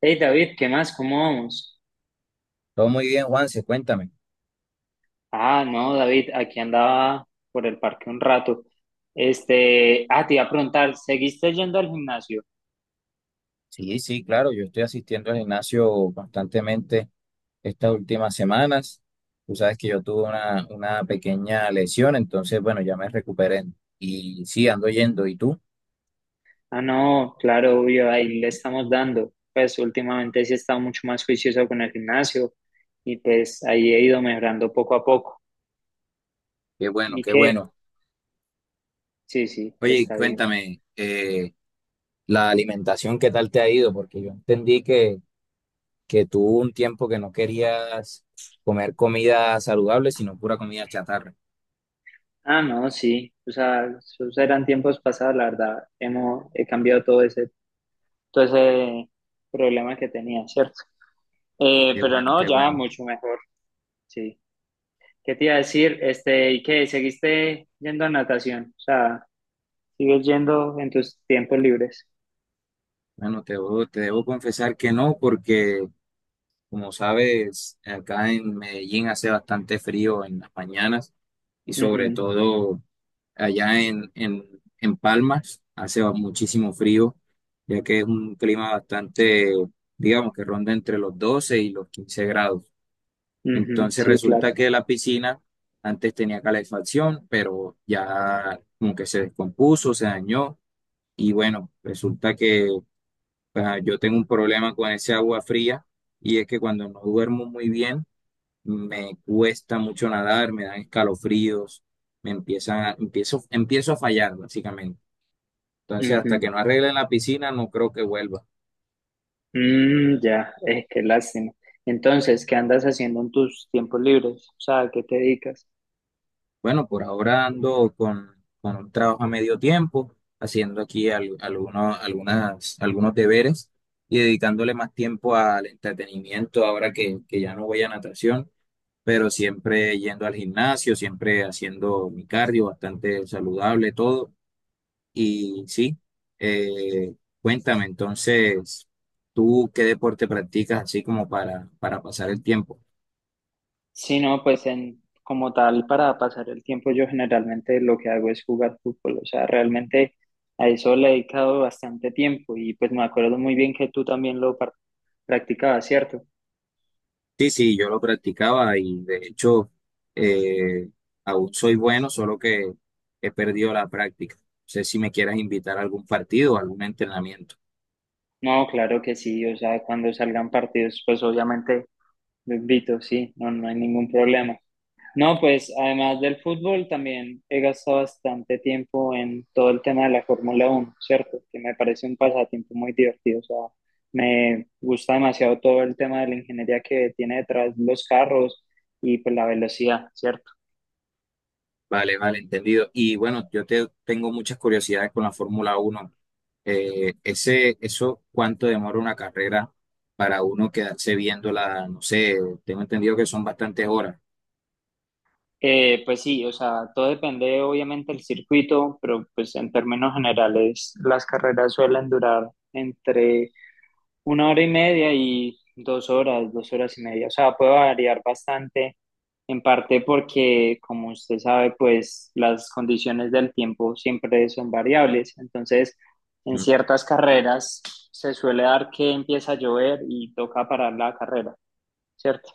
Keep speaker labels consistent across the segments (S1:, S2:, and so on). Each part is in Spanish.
S1: Hey David, ¿qué más? ¿Cómo vamos?
S2: Todo muy bien, Juanse, cuéntame.
S1: No, David, aquí andaba por el parque un rato. Te iba a preguntar, ¿seguiste yendo al gimnasio?
S2: Sí, sí, claro, yo estoy asistiendo al gimnasio constantemente estas últimas semanas. Tú sabes que yo tuve una pequeña lesión, entonces, bueno, ya me recuperé. Y sí, ando yendo. ¿Y tú?
S1: No, claro, obvio, ahí le estamos dando. Pues últimamente sí he estado mucho más juicioso con el gimnasio y pues ahí he ido mejorando poco a poco.
S2: Qué bueno,
S1: ¿Y
S2: qué
S1: qué?
S2: bueno.
S1: Sí, sí,
S2: Oye,
S1: está bien.
S2: cuéntame, la alimentación, ¿qué tal te ha ido? Porque yo entendí que tú hubo un tiempo que no querías comer comida saludable, sino pura comida chatarra.
S1: No, sí, o sea, esos eran tiempos pasados, la verdad. He cambiado todo ese problema que tenía, ¿cierto?
S2: Qué
S1: Pero
S2: bueno,
S1: no,
S2: qué
S1: ya
S2: bueno.
S1: mucho mejor, sí. ¿Qué te iba a decir? ¿Y qué? ¿Seguiste yendo a natación? O sea, ¿sigues yendo en tus tiempos libres?
S2: Bueno, te debo confesar que no, porque como sabes, acá en Medellín hace bastante frío en las mañanas y sobre
S1: Ujú,
S2: todo allá en Palmas muchísimo frío, ya que es un clima bastante, digamos, que ronda entre los 12 y los 15 grados.
S1: ujú,
S2: Entonces
S1: sí, claro.
S2: resulta que la piscina antes tenía calefacción, pero ya como que se descompuso, se dañó y bueno, resulta que yo tengo un problema con ese agua fría y es que cuando no duermo muy bien, me cuesta mucho nadar, me dan escalofríos, empiezo a fallar básicamente. Entonces, hasta
S1: Ujú.
S2: que no arregle la piscina, no creo que vuelva.
S1: Ya, Qué lástima. Entonces, ¿qué andas haciendo en tus tiempos libres? O sea, ¿a qué te dedicas?
S2: Bueno, por ahora con un trabajo a medio tiempo, haciendo aquí algunos deberes y dedicándole más tiempo al entretenimiento ahora que ya no voy a natación, pero siempre yendo al gimnasio, siempre haciendo mi cardio bastante saludable, todo. Y sí, eh, cuéntame entonces, ¿tú qué deporte practicas así como para pasar el tiempo?
S1: Sí, no, pues en, como tal, para pasar el tiempo, yo generalmente lo que hago es jugar fútbol. O sea, realmente a eso le he dedicado bastante tiempo y pues me acuerdo muy bien que tú también lo practicabas, ¿cierto?
S2: Sí, sí, yo lo practicaba y de hecho, eh, aún soy bueno, solo que he perdido la práctica. No sé si me quieras invitar a algún partido o algún entrenamiento.
S1: No, claro que sí. O sea, cuando salgan partidos, pues obviamente lo invito, sí, no, no hay ningún problema. No, pues además del fútbol también he gastado bastante tiempo en todo el tema de la Fórmula Uno, ¿cierto? Que me parece un pasatiempo muy divertido. O sea, me gusta demasiado todo el tema de la ingeniería que tiene detrás los carros y pues la velocidad, ¿cierto?
S2: Vale, vale, entendido. Y bueno, tengo muchas curiosidades con la Fórmula 1. Eso, ¿cuánto demora una carrera para uno quedarse viéndola? No sé, tengo entendido que son bastantes horas.
S1: Pues sí, o sea, todo depende obviamente del circuito, pero pues en términos generales las carreras suelen durar entre una hora y media y dos horas y media. O sea, puede variar bastante, en parte porque, como usted sabe, pues las condiciones del tiempo siempre son variables. Entonces, en
S2: Mm.
S1: ciertas carreras se suele dar que empieza a llover y toca parar la carrera, ¿cierto?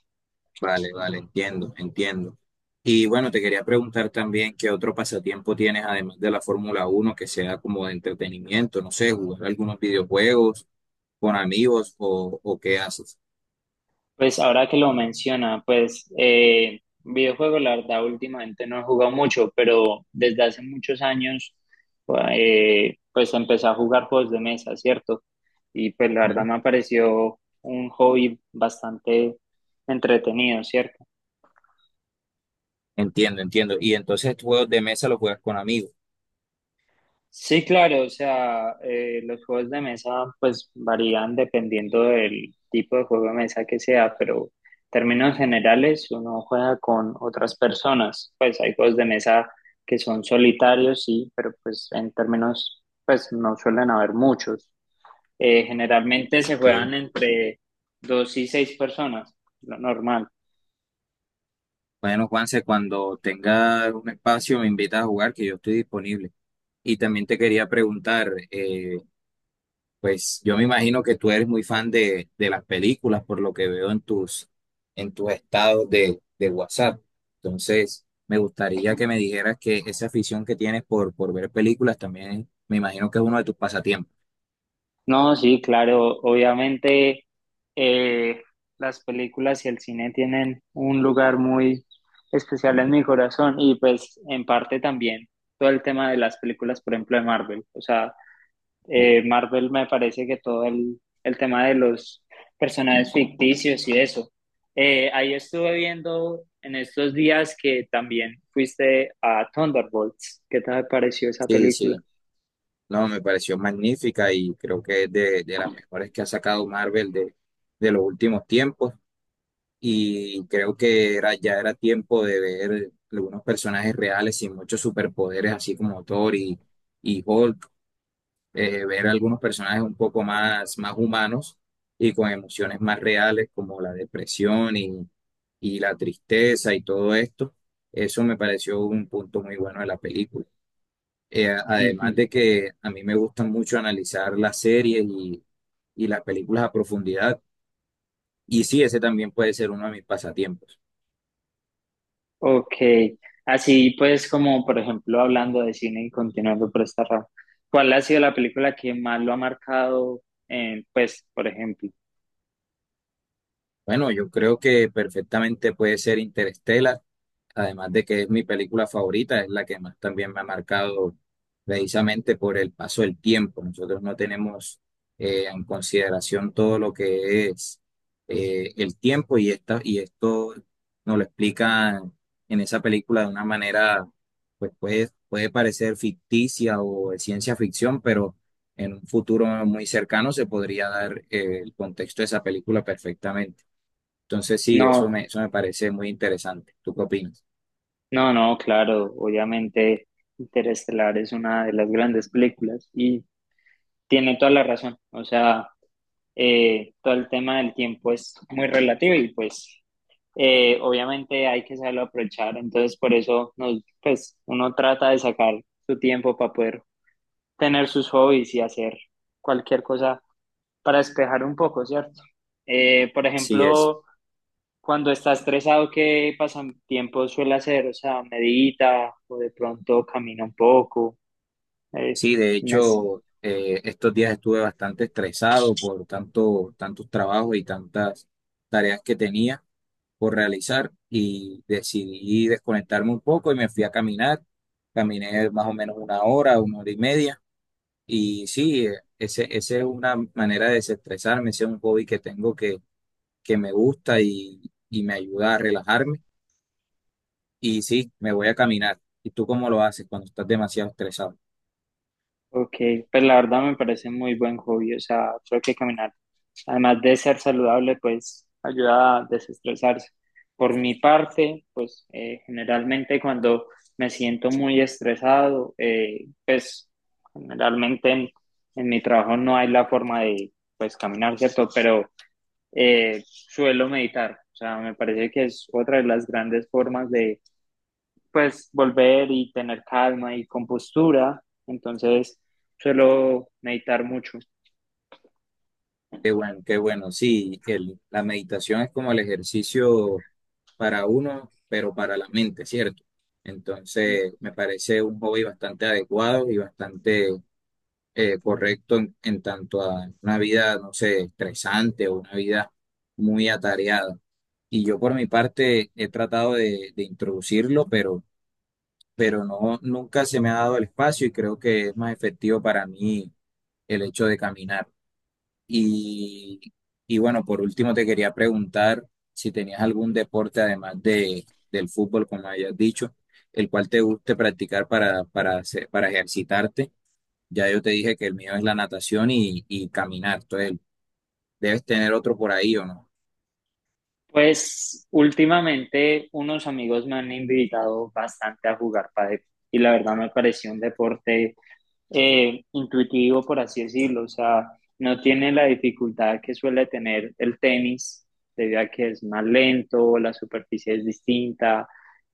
S2: Vale, vale, entiendo, entiendo. Y bueno, te quería preguntar también qué otro pasatiempo tienes, además de la Fórmula 1, que sea como de entretenimiento, no sé, jugar algunos videojuegos con amigos o qué haces.
S1: Pues ahora que lo menciona, pues videojuegos, la verdad, últimamente no he jugado mucho, pero desde hace muchos años, pues empecé a jugar juegos de mesa, ¿cierto? Y pues la
S2: Mm.
S1: verdad me pareció un hobby bastante entretenido, ¿cierto?
S2: Entiendo, entiendo. Y entonces, ¿juegos de mesa los juegas con amigos,
S1: Sí, claro, o sea, los juegos de mesa pues varían dependiendo del tipo de juego de mesa que sea, pero en términos generales uno juega con otras personas, pues hay juegos de mesa que son solitarios, sí, pero pues en términos pues no suelen haber muchos. Generalmente se
S2: ok?
S1: juegan entre dos y seis personas, lo normal.
S2: Bueno, Juanse, cuando tenga un espacio me invitas a jugar, que yo estoy disponible. Y también te quería preguntar, pues yo me imagino que tú eres muy fan de las películas, por lo que veo en tus estados de WhatsApp. Entonces, me gustaría que me dijeras que esa afición que tienes por ver películas también, me imagino que es uno de tus pasatiempos.
S1: No, sí, claro, obviamente eh, las películas y el cine tienen un lugar muy especial en mi corazón y pues en parte también todo el tema de las películas, por ejemplo, de Marvel. O sea, Marvel me parece que todo el tema de los personajes ficticios y eso. Ahí estuve viendo en estos días que también fuiste a Thunderbolts. ¿Qué te pareció esa
S2: Sí,
S1: película?
S2: sí. No, me pareció magnífica y creo que es de las mejores que ha sacado Marvel de los últimos tiempos. Y creo que ya era tiempo de ver algunos personajes reales sin muchos superpoderes, así como Thor y Hulk. Ver algunos personajes un poco más humanos y con emociones más reales como la depresión y la tristeza y todo esto. Eso me pareció un punto muy bueno de la película. Además de que a mí me gusta mucho analizar las series y las películas a profundidad. Y sí, ese también puede ser uno de mis pasatiempos.
S1: Ok, así pues como por ejemplo hablando de cine y continuando por esta rama, ¿cuál ha sido la película que más lo ha marcado? Pues por ejemplo,
S2: Bueno, yo creo que perfectamente puede ser Interstellar, además de que es mi película favorita, es la que más también me ha marcado precisamente por el paso del tiempo. Nosotros no tenemos, en consideración todo lo que es, el tiempo y esto nos lo explican en esa película de una manera, pues puede parecer ficticia o de ciencia ficción, pero en un futuro muy cercano se podría dar, el contexto de esa película perfectamente. Entonces, sí,
S1: no,
S2: eso me parece muy interesante. ¿Tú qué opinas?
S1: no, claro, obviamente Interestelar es una de las grandes películas y tiene toda la razón, o sea, todo el tema del tiempo es muy relativo y pues obviamente hay que saberlo aprovechar, entonces por eso nos, pues uno trata de sacar su tiempo para poder tener sus hobbies y hacer cualquier cosa para despejar un poco, ¿cierto? Por
S2: Sí, es.
S1: ejemplo, cuando está estresado, ¿qué pasatiempo suele hacer? O sea, medita o de pronto camina un poco. Eh,
S2: Sí, de
S1: no sé.
S2: hecho, estos días estuve bastante estresado por tanto, tantos trabajos y tantas tareas que tenía por realizar y decidí desconectarme un poco y me fui a caminar. Caminé más o menos una hora y media. Y sí, ese es una manera de desestresarme, ese es un hobby que tengo que me gusta y me ayuda a relajarme. Y sí, me voy a caminar. ¿Y tú cómo lo haces cuando estás demasiado estresado?
S1: Ok, pues la verdad me parece muy buen hobby, o sea, creo que caminar además de ser saludable, pues ayuda a desestresarse. Por mi parte, pues generalmente cuando me siento muy estresado, pues generalmente mi trabajo no hay la forma de pues caminar, ¿cierto? Pero suelo meditar, o sea, me parece que es otra de las grandes formas de pues volver y tener calma y compostura, entonces suelo meditar mucho.
S2: Qué bueno, qué bueno. Sí, la meditación es como el ejercicio para uno, pero para la mente, ¿cierto? Entonces,
S1: Uh
S2: me parece un hobby bastante adecuado y bastante, correcto en tanto a una vida, no sé, estresante o una vida muy atareada. Y yo por mi parte he tratado de introducirlo, pero no, nunca se me ha dado el espacio y creo que es más efectivo para mí el hecho de caminar. Y, y bueno, por último te quería preguntar si tenías algún deporte además de, del fútbol, como hayas dicho, el cual te guste practicar para ejercitarte. Ya yo te dije que el mío es la natación y caminar. Entonces, debes tener otro por ahí o no.
S1: Pues últimamente unos amigos me han invitado bastante a jugar pádel y la verdad me pareció un deporte intuitivo, por así decirlo. O sea, no tiene la dificultad que suele tener el tenis, debido a que es más lento, la superficie es distinta.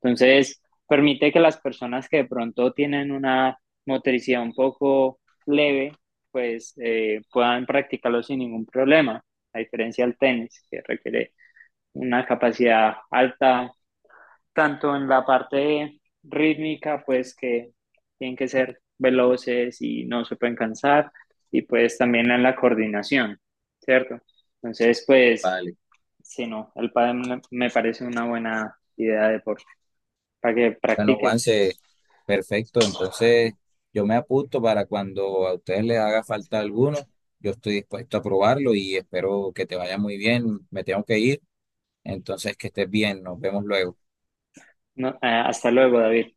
S1: Entonces, permite que las personas que de pronto tienen una motricidad un poco leve, pues puedan practicarlo sin ningún problema, a diferencia del tenis, que requiere una capacidad alta, tanto en la parte rítmica, pues que tienen que ser veloces y no se pueden cansar, y pues también en la coordinación, ¿cierto? Entonces, pues,
S2: Vale.
S1: sí, no, el pádel me parece una buena idea de deporte para que
S2: Bueno,
S1: practiques.
S2: Juanse, perfecto. Entonces, yo me apunto para cuando a ustedes les haga falta alguno. Yo estoy dispuesto a probarlo y espero que te vaya muy bien. Me tengo que ir. Entonces, que estés bien, nos vemos luego.
S1: No, hasta luego, David.